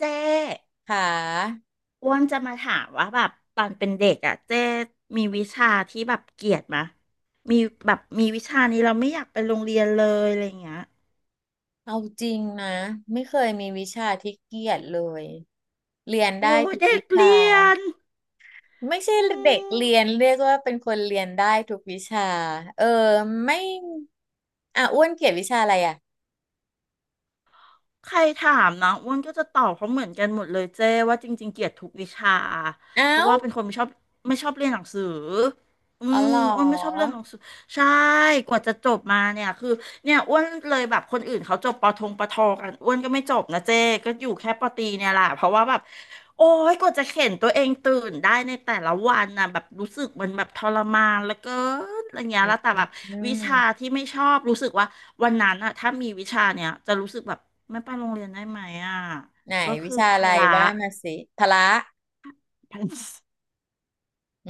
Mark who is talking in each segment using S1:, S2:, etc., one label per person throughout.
S1: เจ๊
S2: หา
S1: อ้วนจะมาถามว่าแบบตอนเป็นเด็กอ่ะเจ๊มีวิชาที่แบบเกลียดมะมีแบบมีวิชานี้เราไม่อยากไปโรงเรียนเลยอะไรอย่างเงี้ย
S2: เอาจริงนะไม่เคยมีวิชาที่เกลียดเลย เรียนได้
S1: โอ้ย
S2: ทุก
S1: เด็
S2: วิ
S1: ก
S2: ชา
S1: เรียน
S2: ไม่ใช่
S1: อื
S2: เด็ก
S1: ม
S2: เรียนเรียกว่าเป็นคนเรียนได้ทุกวิชาเออไม่อ่ะอ้วนเกลียดวิชาอะไรอ่ะ
S1: ใครถามนะอ้วนก็จะตอบเขาเหมือนกันหมดเลยเจ้ว่าจริงๆเกลียดทุกวิชา
S2: เอ้า
S1: เพราะว่าเป็นคนไม่ชอบเรียนหนังสืออื
S2: อ๋อ
S1: ม
S2: เหร
S1: อ้วนไม่ชอบเรีย
S2: อ
S1: นหนังสือใช่กว่าจะจบมาเนี่ยคือเนี่ยอ้วนเลยแบบคนอื่นเขาจบปอทงปอทอกันอ้วนก็ไม่จบนะเจ้ก็อยู่แค่ปอตรีเนี่ยแหละเพราะว่าแบบโอ้ยกว่าจะเข็นตัวเองตื่นได้ในแต่ละวันนะแบบรู้สึกมันแบบทรมานแล้วก็อะไรเงี้ยแล้วแต่แบบ
S2: อื
S1: วิชา
S2: ม
S1: ที่ไม่ชอบรู้สึกว่า วันนั้นอะถ้ามีวิชาเนี้ยจะรู้สึกแบบไม่ไปโรงเรียนได้ไหมอะ
S2: ไหน
S1: ก็
S2: วิ
S1: คือ
S2: ชา
S1: พ
S2: อะไร
S1: ละ
S2: ว่ามาสิพละ
S1: พละ
S2: อื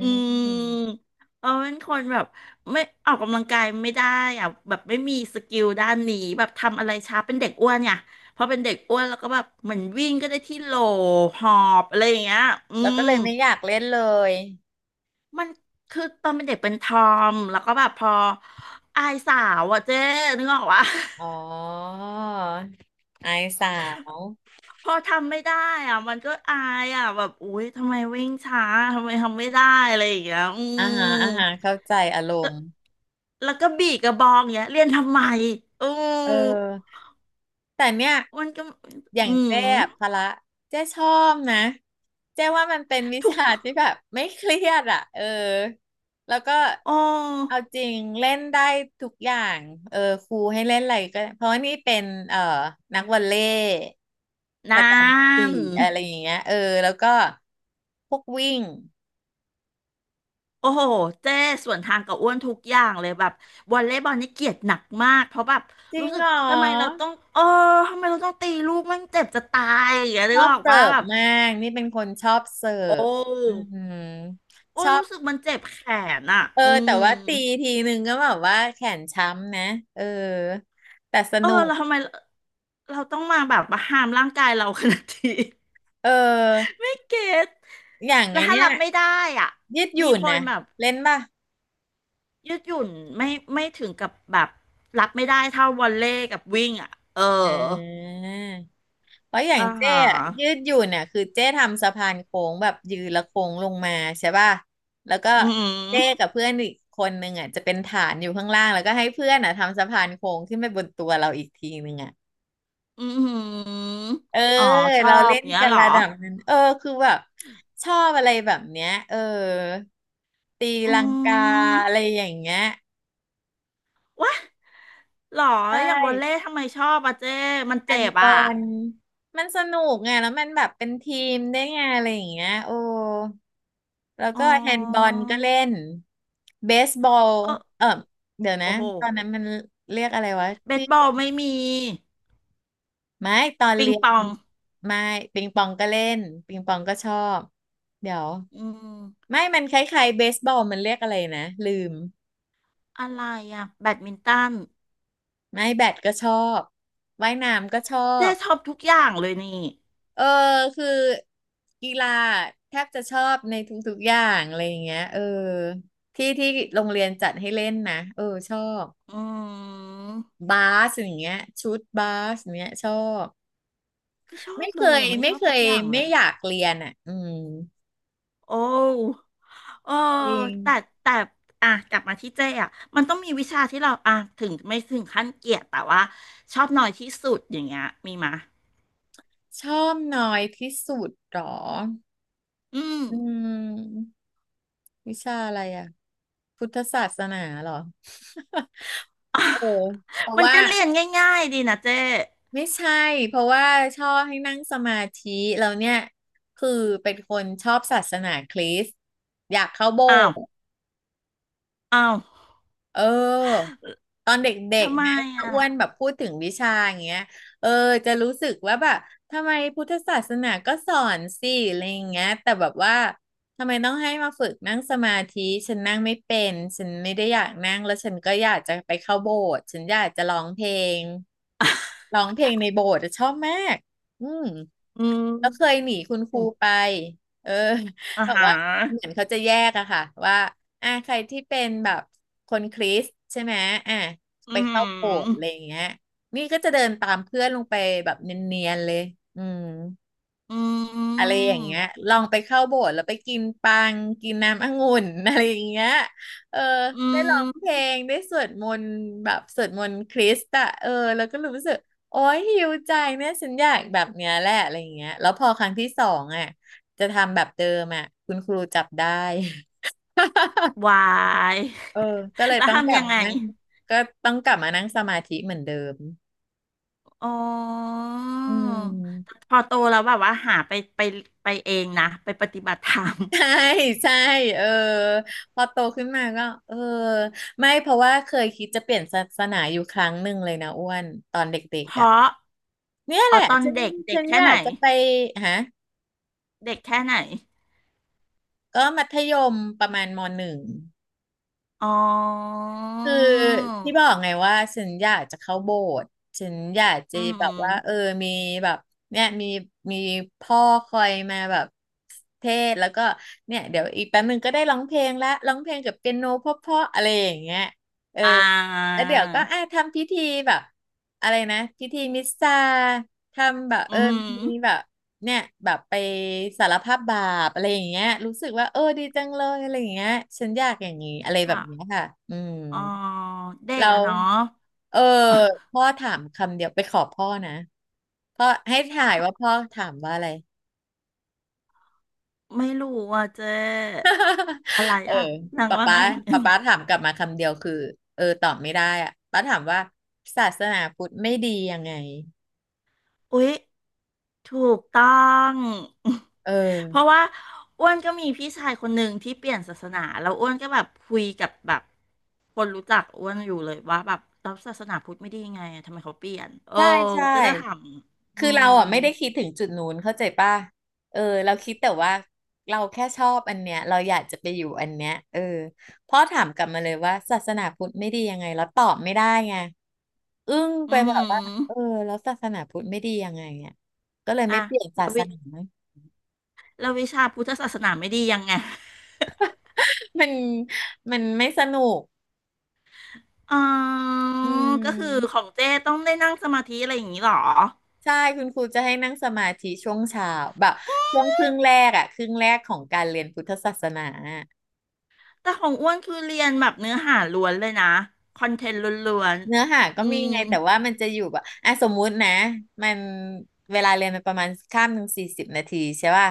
S1: อืมเออเป็นคนแบบไม่ออกกำลังกายไม่ได้อะแบบไม่มีสกิลด้านนี้แบบทำอะไรช้าเป็นเด็กอ้วนเนี่ยพอเป็นเด็กอ้วนแล้วก็แบบเหมือนวิ่งก็ได้ที่โหลหอบอะไรอย่างเงี้ยอื
S2: แล้วก็
S1: ม
S2: เลยไม่อยากเล่นเลย
S1: มันคือตอนเป็นเด็กเป็นทอมแล้วก็แบบพออายสาวอะเจ๊นึกออกวะ
S2: อ๋อไอสาว
S1: พอทำไม่ได้อ่ะมันก็อายอ่ะแบบอุ๊ยทำไมวิ่งช้าทำไมทำไม่ได้อะไรอย่างเงี้ยอื
S2: อ่าฮะ
S1: ม
S2: อ่าฮะเข้าใจอาร
S1: แล้
S2: ม
S1: ว
S2: ณ์
S1: ก็บีกระบองเงี้ยเรียนทำไมอื
S2: เอ
S1: ม
S2: อแต่เนี่ย
S1: มันก็
S2: อย่าง
S1: อื
S2: เจ๊
S1: ม
S2: อะพละเจ๊ชอบนะเจ๊ว่ามันเป็นวิ
S1: ทุ
S2: ชา
S1: ก
S2: ที่แบบไม่เครียดอ่ะเออแล้วก็
S1: โอ
S2: เอา
S1: ้
S2: จริงเล่นได้ทุกอย่างเออครูให้เล่นอะไรก็เพราะว่านี่เป็นเอ่อนักวอลเลย์ป
S1: นา
S2: ระจำ
S1: น
S2: สี่อะไรอย่างเงี้ยเออแล้วก็พวกวิ่ง
S1: โอ้โหเจ้ส่วนทางกับอ้วนทุกอย่างเลยแบบวอลเลย์บอลนี่เกลียดหนักมากเพราะแบบ
S2: จริ
S1: รู้
S2: ง
S1: สึ
S2: เห
S1: ก
S2: ร
S1: ทำไมเรา
S2: อ
S1: ต้องทำไมเราต้องตีลูกมันเจ็บจะตายอย่างเงี้ย
S2: ช
S1: นึ
S2: อ
S1: ก
S2: บ
S1: ออก
S2: เสิ
S1: ปะ
S2: ร์ฟ
S1: แบบ
S2: มากนี่เป็นคนชอบเสิ
S1: โอ
S2: ร์ฟอื
S1: ้
S2: ม
S1: โอ้
S2: ช
S1: ย
S2: อบ
S1: รู้สึกมันเจ็บแขนอ่ะ
S2: เออ
S1: อื
S2: แต่
S1: ม
S2: ว่าตีทีนึงก็แบบว่าแขนช้ำนะเออแต่สนุก
S1: เราทำไมเราต้องมาแบบมาห้ามร่างกายเราขนาดนี้
S2: เออ
S1: ไม่เก็ต
S2: อย่างไง
S1: แล้วถ้า
S2: เนี่ย
S1: รับไม่ได้อ่ะ
S2: ยืดห
S1: มี
S2: ยุ่น
S1: คน
S2: นะ
S1: แบบ
S2: เล่นป่ะ
S1: ยืดหยุ่นไม่ไม่ถึงกับแบบรับไม่ได้เท่าวอลเลย์กับวิ่งอ่ะ เอ
S2: อ่
S1: อ
S2: าเพราะอย่าง
S1: อ่า
S2: เจ้
S1: ฮะ
S2: อะยืดหยุ่นน่ะคือเจ้ทำสะพานโค้งแบบยืนและโค้งลงมาใช่ป่ะแล้วก็
S1: อืม
S2: เจ้กับเพื่อนอีกคนนึงอ่ะจะเป็นฐานอยู่ข้างล่างแล้วก็ให้เพื่อนอ่ะทำสะพานโค้งขึ้นไปบนตัวเราอีกทีนึงอ่ะ
S1: อหืออือหือ
S2: เออ
S1: อ๋อชอ
S2: เราเล่
S1: บ
S2: น
S1: เงี้ย
S2: กัน
S1: เหรอ
S2: ระดับนั้นเออคือแบบชอบอะไรแบบเนี้ยเออตี
S1: อื
S2: ลังกา
S1: ม
S2: อะไรอย่างเงี้ย
S1: วะหรอ
S2: ใช
S1: อย่างวอลเล
S2: ่
S1: ย์ทำไมชอบอ่ะเจ้มัน
S2: แอ
S1: เจ็
S2: น
S1: บ
S2: กอ
S1: อ่ะ
S2: นมันสนุกไงแล้วมันแบบเป็นทีมได้ไงอะไรอย่างเงี้ยโอ้แล้ว
S1: อ๋
S2: ก็
S1: อ
S2: แฮนด์บอลก็เล่นเบสบอล
S1: เออ
S2: เออเดี๋ยวนะ
S1: โอ้โห
S2: ตอนนั้นมันเรียกอะไรวะ
S1: เบสบอลไม่มี
S2: ไม่ตอน
S1: ปิง
S2: เรียน
S1: ปอง
S2: ไม่ปิงปองก็เล่นปิงปองก็ชอบเดี๋ยว
S1: อืม
S2: ไม่มันคล้ายๆเบสบอลมันเรียกอะไรนะลืม
S1: อะไรอ่ะแบดมินตัน
S2: ไม่แบดก็ชอบว่ายน้ำก็ชอ
S1: เจ๊
S2: บ
S1: ชอบทุกอย่างเลยนี่
S2: เออคือกีฬาแทบจะชอบในทุกๆอย่างอะไรอย่างเงี้ยเออที่ที่โรงเรียนจัดให้เล่นนะเออชอบ
S1: อืม
S2: บาสอย่างเงี้ยชุดบาสอย่างเงี้ยชอบ
S1: ไม่ชอบ
S2: ไม่เค
S1: เลย
S2: ย
S1: อ่ะไม่ช
S2: ไม่
S1: อบ
S2: เค
S1: สัก
S2: ย
S1: อย่างเล
S2: ไม่
S1: ย
S2: อยากเรียนอ่ะอืม
S1: โอ้เออ
S2: จริง
S1: แต่แต่อ่ะกลับมาที่เจ๊อ่ะมันต้องมีวิชาที่เราอ่ะถึงไม่ถึงขั้นเกลียดแต่ว่าชอบน้อยที่สุดอย่างเงี้ยมีมะ
S2: ชอบน้อยที่สุดเหรอ
S1: อืม
S2: อืมวิชาอะไรอ่ะพุทธศาสนาเหรอ โอ้เพราะ
S1: มัน
S2: ว่า
S1: ก็เรียนง่ายๆดีนะเจ๊
S2: ไม่ใช่เพราะว่าชอบให้นั่งสมาธิแล้วเนี่ยคือเป็นคนชอบศาสนาคริสต์อยากเข้าโบ
S1: อ้า
S2: ส
S1: ว
S2: ถ์
S1: อ้าว
S2: เออตอนเด็ก
S1: ทำไม
S2: ๆนะถ้า
S1: อ่ะ
S2: อ้วนแบบพูดถึงวิชาอย่างเงี้ยเออจะรู้สึกว่าแบบทำไมพุทธศาสนาก็สอนสิอะไรอย่างเงี้ยแต่แบบว่าทำไมต้องให้มาฝึกนั่งสมาธิฉันนั่งไม่เป็นฉันไม่ได้อยากนั่งแล้วฉันก็อยากจะไปเข้าโบสถ์ฉันอยากจะร้องเพลงในโบสถ์อะชอบมากอืม
S1: อื
S2: แล้วเคย
S1: ม
S2: หนีคุณครูไปเออ
S1: อ่า
S2: แบบ
S1: ฮะ
S2: ว่า เหมือนเขาจะแยกอะค่ะว่าอ่ะใครที่เป็นแบบคนคริสต์ใช่ไหมอ่ะ
S1: อื
S2: ไปเข้าโบสถ์
S1: ม
S2: อะไรอย่างเงี้ยนี่ก็จะเดินตามเพื่อนลงไปแบบเนียนๆเลยอืม
S1: อื
S2: อะไร
S1: ม
S2: อย่างเงี้ยลองไปเข้าโบสถ์แล้วไปกินปัง กินน้ำองุ่น อะไรอย่างเงี้ยเออ
S1: อื
S2: ได้ร้องเพ
S1: ม
S2: ลงได้สวดมนต์แบบสวดมนต์คริสต์อะเออแล้วก็รู้สึกโอ้ยหิวใจเนี่ยฉันอยากแบบเนี้ยแหละอะไรอย่างเงี้ยแล้วพอครั้งที่สองอะจะทำแบบเดิมอะคุณครูจับได้
S1: วาย
S2: เออก็เล ย
S1: แล้ว
S2: ต้องกลั
S1: ทำ
S2: บ
S1: ยัง
S2: มา
S1: ไง
S2: นั่งก็ต้องกลับมานั่งสมาธิเหมือนเดิม
S1: อ๋อ
S2: อืม
S1: พอโตแล้วแบบว่าหาไปไปเองนะไปปฏิบัติธรรม
S2: ใช่ใช่เออพอโตขึ้นมาก็เออไม่เพราะว่าเคยคิดจะเปลี่ยนศาสนาอยู่ครั้งหนึ่งเลยนะอ้วนตอนเด็ก
S1: เพ
S2: ๆอ่ะ
S1: ราะ
S2: เนี่ยแห
S1: อ๋อ
S2: ละ
S1: ตอนเด็กเด็ก
S2: ฉัน
S1: แค่
S2: อยา
S1: ไหน
S2: กจะไปฮะ
S1: เด็กแค่ไหน
S2: ก็มัธยมประมาณมหนึ่ง
S1: อ๋อ
S2: คือที่บอกไงว่าฉันอยากจะเข้าโบสถ์ฉันอยากจะ
S1: อื
S2: แบบว่าเออ
S1: ม
S2: มีแบบเนี่ยมีพ่อคอยมาแบบเทศน์แล้วก็เนี่ยเดี๋ยวอีกแป๊บนึงก็ได้ร้องเพลงละร้องเพลงกับเปียโนเพราะๆอะไรอย่างเงี้ยเออ
S1: อ่า
S2: แล้วเดี๋ยวก็อ่ะทำพิธีแบบอะไรนะพิธีมิสซาทำแบบเอ
S1: อื
S2: อ
S1: ม
S2: มีแบบเนี่ยแบบไปสารภาพบาปอะไรอย่างเงี้ยรู้สึกว่าเออดีจังเลยอะไรอย่างเงี้ยฉันอยากอย่างนี้อะไรแบบ
S1: ค่ะ
S2: เนี้ยค่ะอืม
S1: อ๋อเด็ก
S2: เรา
S1: อะเนาะ
S2: เออพ่อถามคำเดียวไปขอพ่อนะพ่อให้ถ่ายว่าพ่อถามว่าอะไร
S1: ไม่รู้ว่าเจ๊ อะไร
S2: เออ
S1: อ่ะนาง
S2: ป๊า
S1: ว่า
S2: ป๊า
S1: ไง
S2: ป๊าป๊าถามกลับมาคำเดียวคือเออตอบไม่ได้อะป๊าถามว่าศาสนาพุทธไม่ดียังไง
S1: อุ๊ยถูกต้อง
S2: เออ
S1: เพราะว่าอ้วนก็มีพี่ชายคนหนึ่งที่เปลี่ยนศาสนาแล้วอ้วนก็แบบคุยกับแบบคนรู้จักอ้วนอยู่เลยว่าแบบแล้วศาสนาพุทธไม่ดียังไงอะทำไมเขาเปลี่ยนเออ
S2: ใช่ใช่
S1: ก็จะถามอื
S2: คือเรา
S1: ม
S2: อ่ะไม่ได้คิดถึงจุดนู้นเข้าใจป่ะเออเราคิดแต่ว่าเราแค่ชอบอันเนี้ยเราอยากจะไปอยู่อันเนี้ยเออพ่อถามกลับมาเลยว่าศาสนาพุทธไม่ดียังไงแล้วตอบไม่ได้ไงอึ้ง
S1: อื
S2: ไปแบบว่าเออ
S1: ม
S2: แล้วศาสนาพุทธไม่ดียังไงเนี่ยก็เลย
S1: อ่ะ
S2: ไม่เปลี่ยน
S1: แล้
S2: ศา
S1: ว
S2: ส
S1: วิ
S2: นา
S1: แล้ววิชาพุทธศาสนาไม่ดียังไง
S2: มันมันไม่สนุก
S1: อ๋อ
S2: อื
S1: ก็คือข
S2: ม
S1: องเจ้ต้องได้นั่งสมาธิอะไรอย่างนี้เหรอ
S2: ใช่คุณครูจะให้นั่งสมาธิช่วงเช้าแบบช่วงครึ่งแรกอะครึ่งแรกของการเรียนพุทธศาสนา
S1: แต่ของอ้วนคือเรียนแบบเนื้อหาล้วนเลยนะคอนเทนต์ล้วน
S2: เนื้อหา
S1: ๆ
S2: ก็
S1: อื
S2: มี
S1: ม
S2: ไงแต่ว่ามันจะอยู่แบบอ่ะสมมุตินะมันเวลาเรียนมันประมาณข้าม1:40นาทีใช่ป่ะ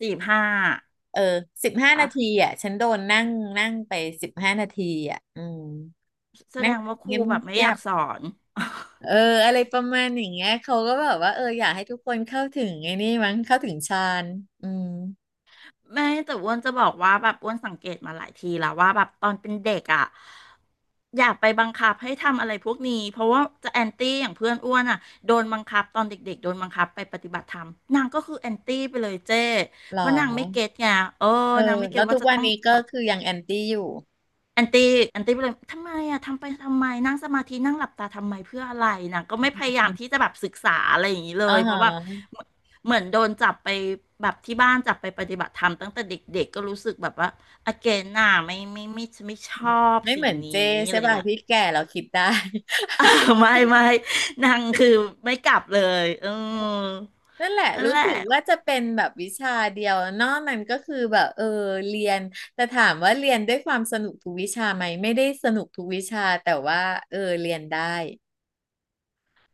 S1: สี่ห้า
S2: เออสิบห้านาที
S1: อะ
S2: อ่ะฉันโดนนั่งนั่งไปสิบห้านาทีอ่ะอืม
S1: แสด
S2: นั่ง
S1: งว่าครู
S2: เงียบ
S1: แบบไม่
S2: เงี
S1: อ
S2: ย
S1: ยาก
S2: บ
S1: สอน
S2: เอออะไรประมาณอย่างเงี้ยเขาก็แบบว่าเอออยากให้ทุกคนเข้าถึงไอ้นี่มั้งเข้าถึงฌานอืม
S1: ไม่แต่อ้วนจะบอกว่าแบบอ้วนสังเกตมาหลายทีแล้วว่าแบบตอนเป็นเด็กอ่ะอยากไปบังคับให้ทำอะไรพวกนี้เพราะว่าจะแอนตี้อย่างเพื่อนอ้วนอ่ะโดนบังคับตอนเด็กๆโดนบังคับไปปฏิบัติธรรมนางก็คือแอนตี้ไปเลยเจ้
S2: หรอ
S1: เพราะนางไม่เก็ตไงเออ
S2: เอ
S1: นาง
S2: อ
S1: ไม่เก็
S2: แล้
S1: ต
S2: วทุ
S1: ว่า
S2: ก
S1: จะ
S2: วัน
S1: ต้อง
S2: นี้ก็คือยังแอนตี้อยู่
S1: แอนตี้ไปเลยทำไมอะทำไปทำไมนั่งสมาธินั่งหลับตาทำไมเพื่ออะไรนะก็ไม่พยายามที่จะแบบศึกษาอะไรอย่างนี้เล
S2: อ๋อ
S1: ยเพ
S2: ฮะ
S1: ราะว่าเหมือนโดนจับไปแบบที่บ้านจับไปปฏิบัติธรรมตั้งแต่เด็กๆก็รู้สึกแบบว่าอเกนน่ะไม่ชอบ
S2: ไม่เห
S1: สิ่ง
S2: มือน
S1: นี้
S2: เจ
S1: อะ
S2: ใช่
S1: ไรอย่าง
S2: ป่ะ
S1: เงี้ย
S2: ที่แก่เราคิดได้
S1: อ่าไม่นางคือไม่กลับเลยเออ
S2: นั่นแหละ
S1: นั่น
S2: รู้
S1: แหละ
S2: สึกว่าจะเป็นแบบวิชาเดียวนอกนั้นก็คือแบบเออเรียนแต่ถามว่าเรียนด้วยความสนุกทุกวิชาไหมไม่ได้สนุกทุกวิชาแต่ว่าเออเรียนได้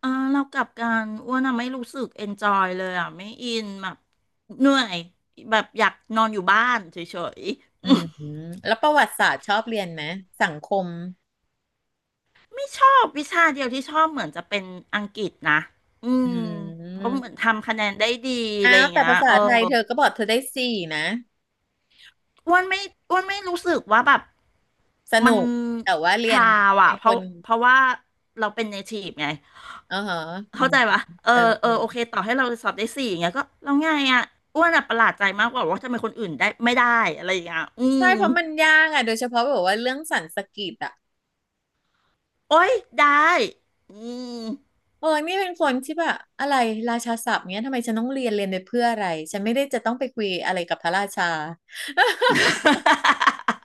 S1: เออเรากลับกันอ้วนอะไม่รู้สึกเอนจอยเลยอะไม่อินแบบเหนื่อยแบบอยากนอนอยู่บ้านเฉย
S2: อืมแล้วประวัติศาสตร์ชอบเรียนไหมสังคม
S1: ไม่ชอบวิชาเดียวที่ชอบเหมือนจะเป็นอังกฤษนะอื
S2: อื
S1: มเพราะเหมือ
S2: ม
S1: นทำคะแนนได้ดีอะไร
S2: อ้า
S1: อ
S2: ว
S1: ย่าง
S2: แต่
S1: เงี้ย
S2: ภา
S1: เอ
S2: ษา
S1: อ
S2: ไทยเธอก็บอกเธอได้สี่นะ
S1: อ้วนไม่อ้วนไม่รู้สึกว่าแบบ
S2: สนุ
S1: มัน
S2: กแต่ว่า
S1: พ
S2: เรียน
S1: ราวอะ
S2: เป็นคน
S1: เพราะว่าเราเป็นเนทีฟไง
S2: อ๋อฮะอื
S1: เข้า
S2: ม
S1: ใจปะเออ
S2: เออ
S1: เออโอเคต่อให้เราสอบได้สี่อย่างเงี้ยก็แล้วไงอะอ้วนอะประหลาดใจมากกว่าว่าทำไมคนอื่นได้ไม่ได้อะไรอย่างเงี้ยอื
S2: ใช่
S1: ม
S2: เพราะมันยากอ่ะโดยเฉพาะแบบว่าเรื่องสันสกฤตอ่ะ
S1: โอ๊ยได้อืม
S2: เออนี่เป็นคนที่แบบอะไรราชาศัพท์เนี้ยทำไมฉันต้องเรียนเรียนไปเพื่ออะไรฉันไม่ได้จะต้องไปคุยอะไรกับพระราชา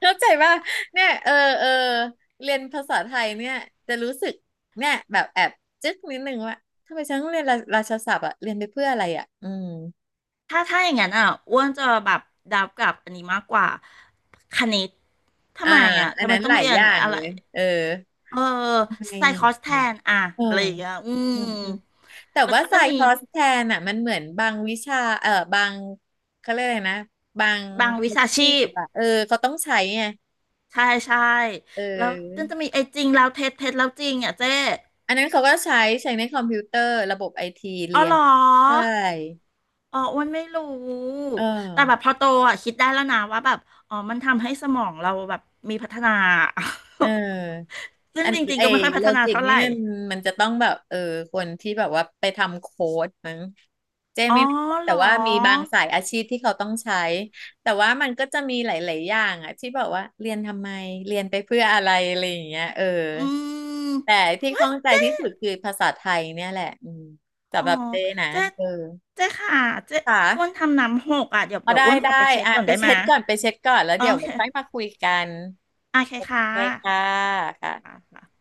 S2: เข้าใจป่ะเนี่ยเออเออเรียนภาษาไทยเนี่ยจะรู้สึกเนี่ยแบบแอบจึ๊กนิดนึงว่าทำไมฉันต้องเรียนราชาศัพท์อะเรียนไปเพื่ออะไรอะอืม
S1: ถ้าอย่างนั้นอ่ะอ้วนจะแบบดับกับอันนี้มากกว่าคณิตทำ
S2: อ่า
S1: ไมอ่ะ
S2: อัน
S1: ทำไม
S2: นั้น
S1: ต้
S2: ห
S1: อง
S2: ลาย
S1: เรีย
S2: อ
S1: น
S2: ย่าง
S1: อะ
S2: เล
S1: ไร
S2: ยเออ
S1: เออ
S2: ทำไม
S1: ไซค
S2: อะ
S1: อสแทนอ่ะ
S2: เออ
S1: อะไรอย่างเงี้ยอื
S2: อื
S1: ม
S2: มแต่
S1: แล้ว
S2: ว่า
S1: ก็จะ
S2: สาย
S1: มี
S2: คอร์สแทนอ่ะมันเหมือนบางวิชาเออบางเขาเรียกอะไรนะบาง
S1: บางวิ
S2: อา
S1: ชา
S2: ชี
S1: ชี
S2: พ
S1: พ
S2: อะเออเขาต้องใช้ไง
S1: ใช่ใช่
S2: เ
S1: แล้วจน
S2: ออ
S1: จะมีไอ้จริงแล้วเท็จเท็จแล้วจริงอ่ะเจ๊
S2: อันนั้นเขาก็ใช้ในคอมพิวเตอร์ระบบไอที
S1: อ๋
S2: เรี
S1: อ
S2: ย
S1: เหร
S2: น
S1: อ
S2: ใช่
S1: อ๋ออ้วนไม่รู้
S2: เอ
S1: แต่แบบ
S2: อ
S1: พอโตอ่ะคิดได้แล้วนะว่าแบบอ๋อมันทำให้สมองเราแบบมีพัฒนา
S2: เออ
S1: ซึ่
S2: อั
S1: ง
S2: น
S1: จริง
S2: เอ
S1: ๆก็ไม่ค่อยพั
S2: โล
S1: ฒนา
S2: จิก
S1: เท่าไห
S2: นี่
S1: ร่
S2: มันจะต้องแบบเออคนที่แบบว่าไปทำโค้ดมั้งเจ๊
S1: อ๋
S2: ไม่
S1: อ
S2: แ
S1: เห
S2: แต่
S1: รอ
S2: ว่ามีบางสายอาชีพที่เขาต้องใช้แต่ว่ามันก็จะมีหลายๆอย่างอะที่แบบว่าเรียนทำไมเรียนไปเพื่ออะไรอะไรอย่างเงี้ยเออ
S1: อืม
S2: แต่ที่
S1: ว้า
S2: ข้อ
S1: ย
S2: งใจ
S1: เจ๊
S2: ที่สุดคือภาษาไทยเนี่ยแหละอืม
S1: อ๋
S2: สำ
S1: อ
S2: หรับเจ๊นะ
S1: เจ๊
S2: เออ
S1: เจ๊ค่ะเจ๊
S2: ค
S1: อ้วน
S2: ่ะ
S1: ทำน้ำหกอ่ะเดี๋ยว
S2: เอาได้
S1: อ้วนข
S2: ได้
S1: อไปเช็ด
S2: อ่ะ
S1: ก่อน
S2: ไป
S1: ได้ไหม
S2: เช็
S1: ย
S2: ดก่อนไปเช็ดก่อนแล้ว
S1: โอ
S2: เดี๋ยว
S1: เค
S2: ไว้ค่อยมาคุยกัน
S1: โอเค
S2: โอ
S1: ค่ะ
S2: เคค่ะค่ะ
S1: ค่ะ